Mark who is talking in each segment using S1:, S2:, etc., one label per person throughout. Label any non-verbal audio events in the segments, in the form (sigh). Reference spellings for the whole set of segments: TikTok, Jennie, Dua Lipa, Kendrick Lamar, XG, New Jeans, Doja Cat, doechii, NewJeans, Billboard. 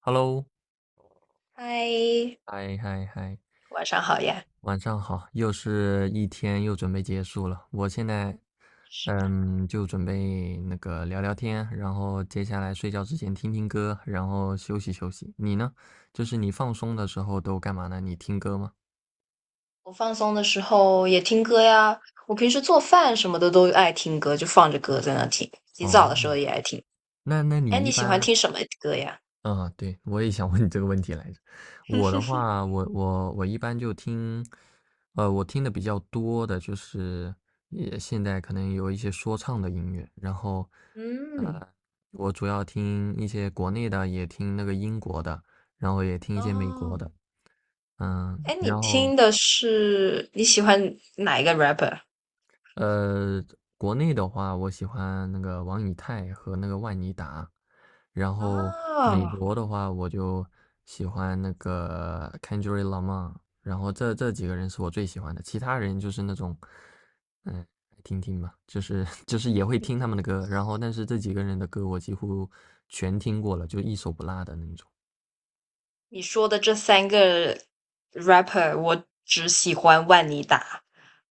S1: Hello，
S2: 嗨，
S1: 嗨嗨嗨，
S2: 晚上好呀！
S1: 晚上好，又是一天又准备结束了。我现在，就准备那个聊聊天，然后接下来睡觉之前听听歌，然后休息休息。你呢？就是你放松的时候都干嘛呢？你听歌吗？
S2: 我放松的时候也听歌呀。我平时做饭什么的都爱听歌，就放着歌在那听。洗澡的
S1: 哦，
S2: 时候也爱听。
S1: 那
S2: 哎，
S1: 你
S2: 你
S1: 一
S2: 喜欢
S1: 般，
S2: 听什么歌呀？
S1: 嗯，对，我也想问你这个问题来着。我的
S2: (laughs)
S1: 话，我一般就听，我听的比较多的就是，也现在可能有一些说唱的音乐，然后，
S2: 嗯，
S1: 呃，我主要听一些国内的，也听那个英国的，然后也听一些美国
S2: 哦，
S1: 的，
S2: 哎，你
S1: 然后
S2: 听的是你喜欢哪一个 rapper
S1: 呃，国内的话，我喜欢那个王以太和那个万妮达，然后美
S2: 啊？
S1: 国的话，我就喜欢那个 Kendrick Lamar，然后这几个人是我最喜欢的，其他人就是那种，嗯，听听吧，就是 (laughs) 就是也会听他们的歌，然后但是这几个人的歌我几乎全听过了，就一首不落的那种。
S2: 你说的这三个 rapper，我只喜欢万妮达，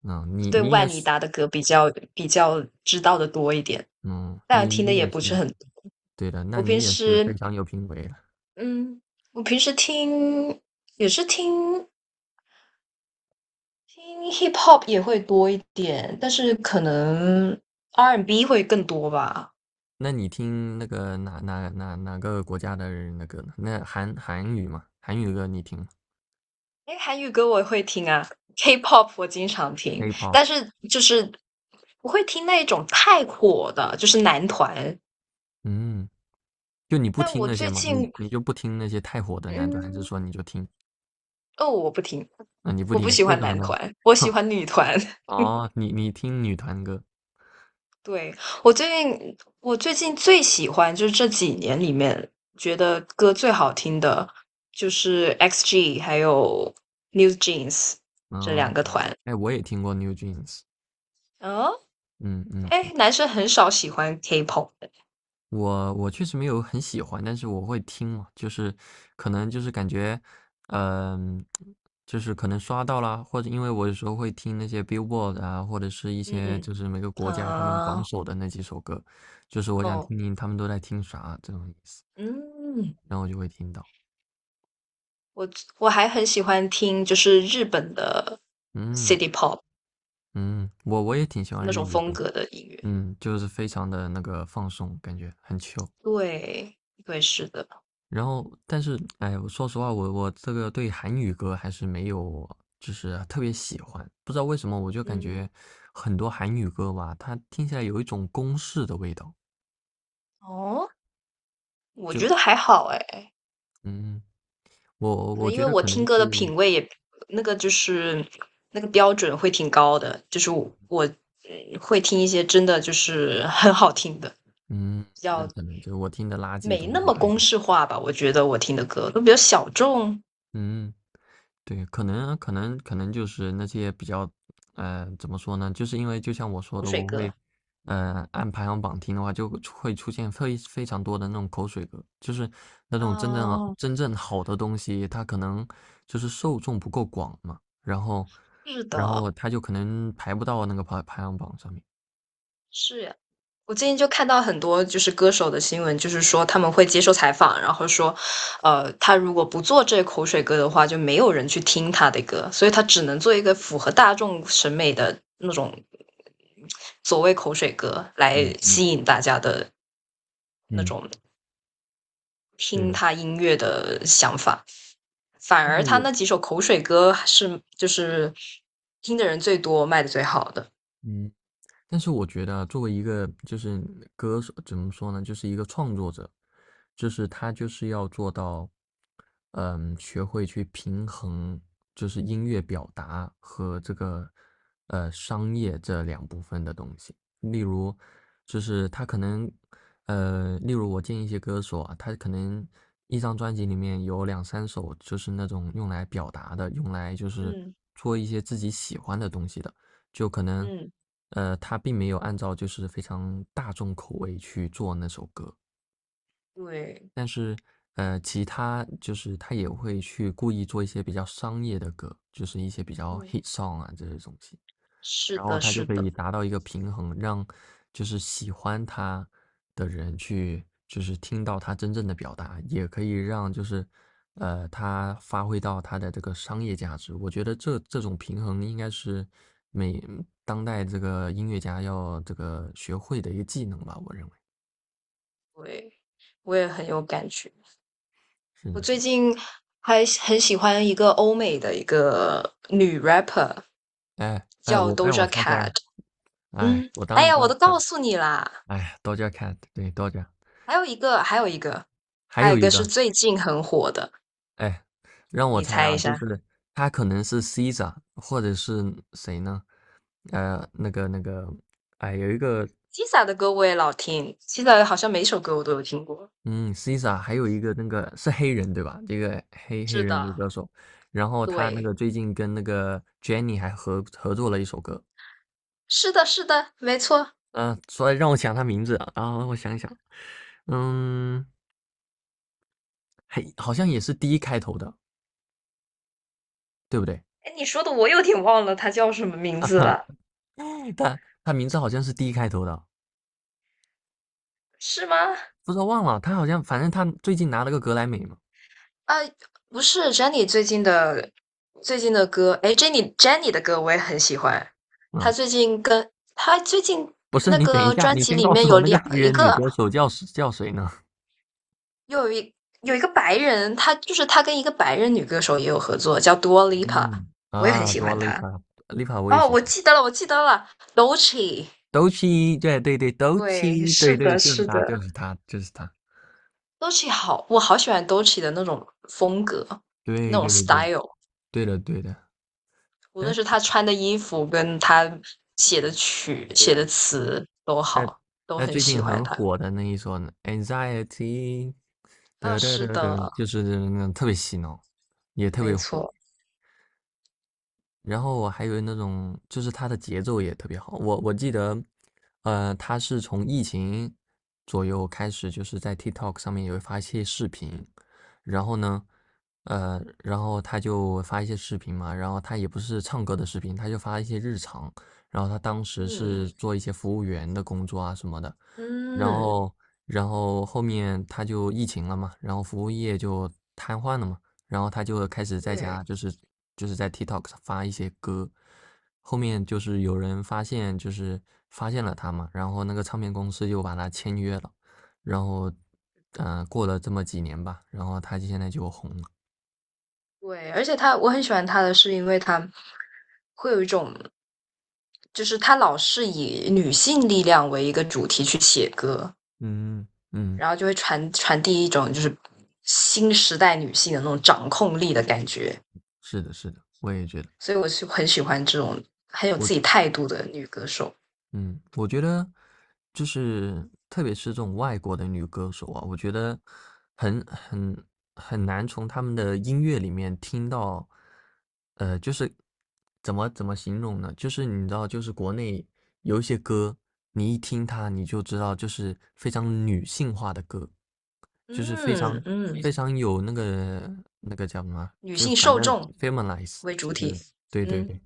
S1: 嗯，你
S2: 对
S1: 你也
S2: 万妮
S1: 是，
S2: 达的歌比较知道的多一点，
S1: 嗯，
S2: 但
S1: 你
S2: 听的
S1: 你
S2: 也
S1: 也
S2: 不
S1: 是，
S2: 是很。
S1: 对的，那
S2: 我平
S1: 你也是非
S2: 时，
S1: 常有品味了。
S2: 嗯，我平时听也是听听 hip hop 也会多一点，但是可能 R&B and B 会更多吧。
S1: 那你听那个哪个国家的人那歌呢？那韩语嘛，韩语歌你听吗
S2: 因为韩语歌我也会听啊，K-pop 我经常听，但
S1: ？K-pop，
S2: 是就是不会听那种太火的，就是男团。
S1: 嗯，就你不
S2: 但
S1: 听
S2: 我
S1: 那些
S2: 最
S1: 嘛，你
S2: 近，
S1: 你就不听那些太火的男团，还是
S2: 嗯，
S1: 说你就听？
S2: 哦，我不听，
S1: 那、你不
S2: 我不
S1: 听，
S2: 喜
S1: 为
S2: 欢
S1: 什么
S2: 男
S1: 呢？
S2: 团，我喜
S1: (laughs)
S2: 欢女团。
S1: 哦，你听女团歌，
S2: 对，我最近最喜欢就是这几年里面觉得歌最好听的，就是 XG 还有 NewJeans 这两
S1: 嗯，
S2: 个团。
S1: 哎，我也听过 New Jeans，
S2: 哦，
S1: 嗯嗯，
S2: 哎，男生很少喜欢 K-pop 的。
S1: 我确实没有很喜欢，但是我会听嘛，就是可能就是感觉，嗯、就是可能刷到啦，或者因为我有时候会听那些 Billboard 啊，或者是一
S2: 嗯
S1: 些
S2: 嗯，
S1: 就是每个国家他们榜
S2: 啊，
S1: 首的那几首歌，就是我想
S2: 哦，
S1: 听听他们都在听啥这种意思，
S2: 嗯，
S1: 然后我就会听到，
S2: 我我还很喜欢听就是日本的
S1: 嗯
S2: City Pop
S1: 嗯，我也挺喜欢
S2: 那
S1: 日
S2: 种
S1: 语
S2: 风
S1: 的，
S2: 格的音乐。
S1: 嗯，就是非常的那个放松，感觉很 chill。
S2: 对，对，是的。
S1: 然后，但是，哎，我说实话，我这个对韩语歌还是没有，就是特别喜欢。不知道为什么，我就感
S2: 嗯，
S1: 觉很多韩语歌吧，它听起来有一种公式的味道。
S2: 哦，我觉
S1: 就，
S2: 得还好哎。
S1: 嗯，我
S2: 可
S1: 我
S2: 能因
S1: 觉
S2: 为
S1: 得
S2: 我
S1: 可能
S2: 听歌的
S1: 是，
S2: 品味也那个就是那个标准会挺高的，就是我会听一些真的就是 (laughs) 很好听的，
S1: 嗯，
S2: 比
S1: 那
S2: 较
S1: 可能就是我听的垃圾
S2: 没
S1: 东
S2: 那
S1: 西
S2: 么
S1: 呗。
S2: 公式化吧。我觉得我听的歌都比较小众，
S1: 嗯，对，可能就是那些比较，怎么说呢？就是因为就像我说
S2: 口
S1: 的，
S2: 水
S1: 我会，
S2: 歌。
S1: 按排行榜听的话，就会出现非常多的那种口水歌，就是那种真正啊
S2: 哦，
S1: 真正好的东西，它可能就是受众不够广嘛，然后
S2: 是
S1: 然
S2: 的，
S1: 后它就可能排不到那个排行榜上面。
S2: 是呀。我最近就看到很多就是歌手的新闻，就是说他们会接受采访，然后说，他如果不做这口水歌的话，就没有人去听他的歌，所以他只能做一个符合大众审美的那种所谓口水歌来
S1: 嗯嗯。
S2: 吸引大家的那
S1: 嗯，
S2: 种
S1: 对
S2: 听
S1: 的。
S2: 他音乐的想法。反
S1: 但
S2: 而
S1: 是
S2: 他那
S1: 我
S2: 几首口水歌还是就是听的人最多，卖的最好的。
S1: 嗯。但是我觉得啊作为一个就是歌手，怎么说呢，就是一个创作者，就是他就是要做到，学会去平衡，就是音乐表达和这个商业这两部分的东西。例如，就是他可能，例如我见一些歌手啊，他可能一张专辑里面有两三首就是那种用来表达的，用来就是
S2: 嗯
S1: 做一些自己喜欢的东西的。就可能，
S2: 嗯，
S1: 他并没有按照就是非常大众口味去做那首歌，
S2: 对，
S1: 但是，其他就是他也会去故意做一些比较商业的歌，就是一些比较
S2: 嗯，
S1: hit song 啊这些东西。
S2: 是
S1: 然后
S2: 的，
S1: 他就
S2: 是
S1: 可
S2: 的。
S1: 以达到一个平衡，让就是喜欢他的人去就是听到他真正的表达，也可以让就是他发挥到他的这个商业价值。我觉得这种平衡应该是每当代这个音乐家要这个学会的一个技能吧，我认为
S2: 对，我也很有感觉。
S1: 是
S2: 我
S1: 的是
S2: 最
S1: 的。
S2: 近还很喜欢一个欧美的一个女 rapper，
S1: 哎哎，
S2: 叫
S1: 让我
S2: Doja
S1: 猜
S2: Cat。
S1: 猜，哎，
S2: 嗯，
S1: 我
S2: 哎
S1: 当
S2: 呀，我
S1: 当
S2: 都
S1: 当，
S2: 告诉你啦。
S1: 哎，Doja Cat，对 d o
S2: 还有一个，还有一个，
S1: 还
S2: 还有
S1: 有
S2: 一个
S1: 一
S2: 是
S1: 个。
S2: 最近很火的，
S1: 哎，让我
S2: 你
S1: 猜
S2: 猜一
S1: 啊，就
S2: 下
S1: 是他可能是 Caesar，或者是谁呢？那个，哎，有一个，
S2: ？Tisa 的歌我也老听，Tisa 好像每首歌我都有听过。
S1: 嗯，Caesar，还有一个那个是黑人对吧？这个黑黑
S2: 是
S1: 人女
S2: 的，
S1: 歌手，然后他那
S2: 对，
S1: 个最近跟那个 Jennie 还合作了一首歌，
S2: 是的，是的，没错。
S1: 嗯、所以让我想他名字啊，然后我想想，嗯，嘿，好像也是 D 开头的，对不对？
S2: 哎，你说的我有点忘了她叫什么名字
S1: (laughs)
S2: 了，
S1: 他名字好像是 D 开头的啊，
S2: 是吗？
S1: 不知道忘了，他好像反正他最近拿了个格莱美嘛。
S2: 啊，不是 Jennie 最近的歌，哎，Jennie 的歌我也很喜欢。她
S1: 啊，
S2: 最近跟她最近
S1: 不是，
S2: 那
S1: 你等一
S2: 个
S1: 下，
S2: 专
S1: 你
S2: 辑
S1: 先
S2: 里
S1: 告
S2: 面
S1: 诉我那个黑
S2: 一
S1: 人女
S2: 个，
S1: 歌手叫谁呢？
S2: 又有一个白人，她就是她跟一个白人女歌手也有合作，叫 Dua Lipa，
S1: 嗯，
S2: 我也很
S1: 啊，
S2: 喜
S1: 多
S2: 欢
S1: 丽
S2: 她。
S1: 卡，丽卡我也
S2: 哦，
S1: 喜
S2: 我记
S1: 欢。
S2: 得了，我记得了 d o e c h i。
S1: 斗气，对对对，斗
S2: 对，
S1: 气，
S2: 是
S1: 对
S2: 的，
S1: 对，就是
S2: 是的。
S1: 他，就是他，就是他。
S2: d o e c h i 好，我好喜欢 d o e c h i 的那种风格，那
S1: 对
S2: 种
S1: 对对，
S2: style。
S1: 对的对的。
S2: 无论
S1: 但
S2: 是他穿的衣服跟他写的曲、
S1: 对
S2: 写
S1: 啊，
S2: 的词都
S1: 那
S2: 好，都
S1: 那
S2: 很
S1: 最
S2: 喜
S1: 近
S2: 欢
S1: 很
S2: 他。
S1: 火的那一首呢，Anxiety，
S2: 啊，
S1: 得得
S2: 是
S1: 得得，
S2: 的，
S1: 就是那种特别洗脑，也特别
S2: 没
S1: 火。
S2: 错。
S1: 然后我还有那种，就是他的节奏也特别好。我记得，他是从疫情左右开始，就是在 TikTok 上面也会发一些视频，然后呢，然后他就发一些视频嘛，然后他也不是唱歌的视频，他就发一些日常，然后他当时
S2: 嗯
S1: 是做一些服务员的工作啊什么的，然
S2: 嗯，
S1: 后然后后面他就疫情了嘛，然后服务业就瘫痪了嘛。然后他就开始在
S2: 对
S1: 家就是在 TikTok 上发一些歌，后面就是有人发现了他嘛，然后那个唱片公司就把他签约了，然后过了这么几年吧，然后他现在就红了。
S2: 对，而且我很喜欢他的是因为他会有一种，就是他老是以女性力量为一个主题去写歌，
S1: 嗯，嗯，
S2: 然后就会传递一种就是新时代女性的那种掌控力的感觉，
S1: 是的，是的，我也觉得，
S2: 所以我是很喜欢这种很有
S1: 我
S2: 自己态度的女歌手。
S1: 嗯，我觉得就是特别是这种外国的女歌手啊，我觉得很很很难从她们的音乐里面听到，就是怎么形容呢？就是你知道，就是国内有一些歌，你一听它你就知道，就是非常女性化的歌，就是非
S2: 嗯
S1: 常
S2: 嗯。
S1: 非常有那个叫什么啊，
S2: 女
S1: 就
S2: 性
S1: 反
S2: 受
S1: 正
S2: 众
S1: feminize，
S2: 为主
S1: 就
S2: 体。
S1: 是对对
S2: 嗯
S1: 对。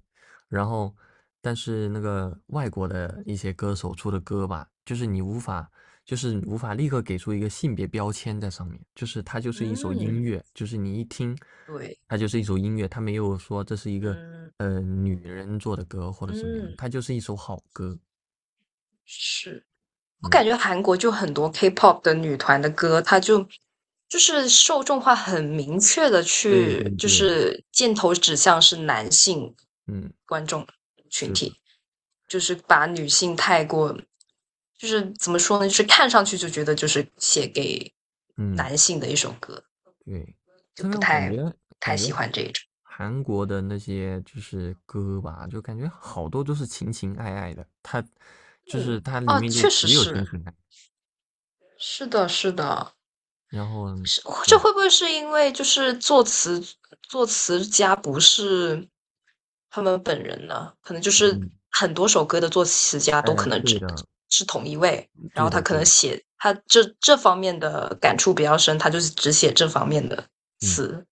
S1: 然后，但是那个外国的一些歌手出的歌吧，就是你无法立刻给出一个性别标签在上面，就是它就是一首
S2: 嗯，
S1: 音乐，就是你一听，
S2: 对，
S1: 它就是一首音乐，它没有说这是一个
S2: 嗯
S1: 女人做的歌或者怎么样，
S2: 嗯，
S1: 它就是一首好歌。
S2: 是。我感
S1: 嗯，
S2: 觉韩国就很多 K-pop 的女团的歌，它就是受众化很明确的
S1: 对对
S2: 去，就
S1: 对，
S2: 是箭头指向是男性
S1: 嗯，
S2: 观众群
S1: 是的，
S2: 体，就是把女性太过，就是怎么说呢，就是看上去就觉得就是写给
S1: 嗯。
S2: 男性的一首歌，
S1: 对，
S2: 就
S1: 特
S2: 不
S1: 别我感
S2: 太
S1: 觉
S2: 太
S1: 感
S2: 喜
S1: 觉
S2: 欢这一种。
S1: 韩国的那些就是歌吧，就感觉好多都是情情爱爱的，它就是
S2: 嗯，
S1: 它里
S2: 哦，
S1: 面就
S2: 确实
S1: 只有
S2: 是。
S1: 情情爱，
S2: 是的，是的，
S1: 然后
S2: 是。这
S1: 对，
S2: 会不会是因为就是作词家不是他们本人呢？可能就是
S1: 嗯，
S2: 很多首歌的作词家都可
S1: 哎，
S2: 能
S1: 对
S2: 只
S1: 的，
S2: 是同一位，然后
S1: 对
S2: 他
S1: 的，
S2: 可能
S1: 对的，
S2: 写他这方面的感触比较深，他就是只写这方面的
S1: 嗯。
S2: 词。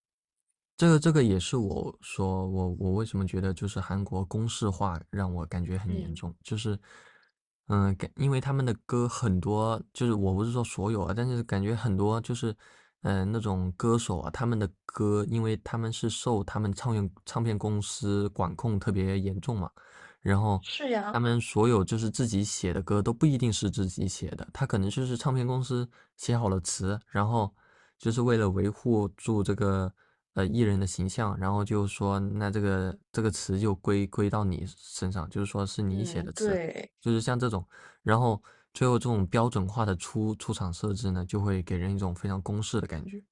S1: 这个也是我说我为什么觉得就是韩国公式化让我感觉很严
S2: 嗯，
S1: 重，就是，因为他们的歌很多，就是我不是说所有啊，但是感觉很多就是，那种歌手啊，他们的歌，因为他们是受他们唱片公司管控特别严重嘛，然后
S2: 是呀，
S1: 他们所有就是自己写的歌都不一定是自己写的，他可能就是唱片公司写好了词，然后就是为了维护住这个艺人的形象，然后就说那这个词就归到你身上，就是说是你写
S2: 嗯，
S1: 的词，
S2: 对，
S1: 就是像这种，然后最后这种标准化的出厂设置呢，就会给人一种非常公式的感觉。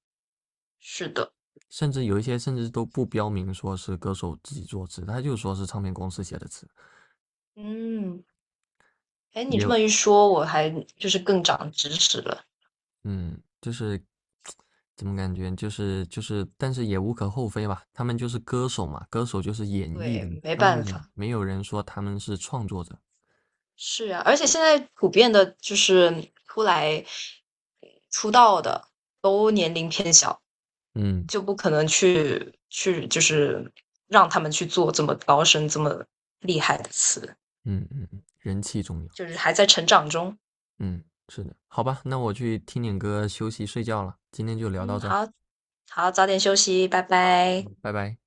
S2: 是的，
S1: 甚至有一些甚至都不标明说是歌手自己作词，他就说是唱片公司写的词，
S2: 嗯，哎，你
S1: 也
S2: 这么
S1: 有
S2: 一说，我还就是更长知识了。
S1: 嗯，就是怎么感觉就是但是也无可厚非吧，他们就是歌手嘛，歌手就是演绎
S2: 对，
S1: 的嘛，
S2: 没
S1: 他们
S2: 办
S1: 也
S2: 法。
S1: 没有人说他们是创作者。
S2: 是啊，而且现在普遍的就是出道的都年龄偏小，
S1: 嗯，
S2: 就不可能去就是让他们去做这么高深、这么厉害的词，
S1: 嗯嗯嗯，人气重要。
S2: 就是还在成长中。
S1: 嗯，是的，好吧，那我去听点歌休息睡觉了，今天就聊
S2: 嗯，
S1: 到这儿，
S2: 好，好，早点休息，拜拜。
S1: 拜拜。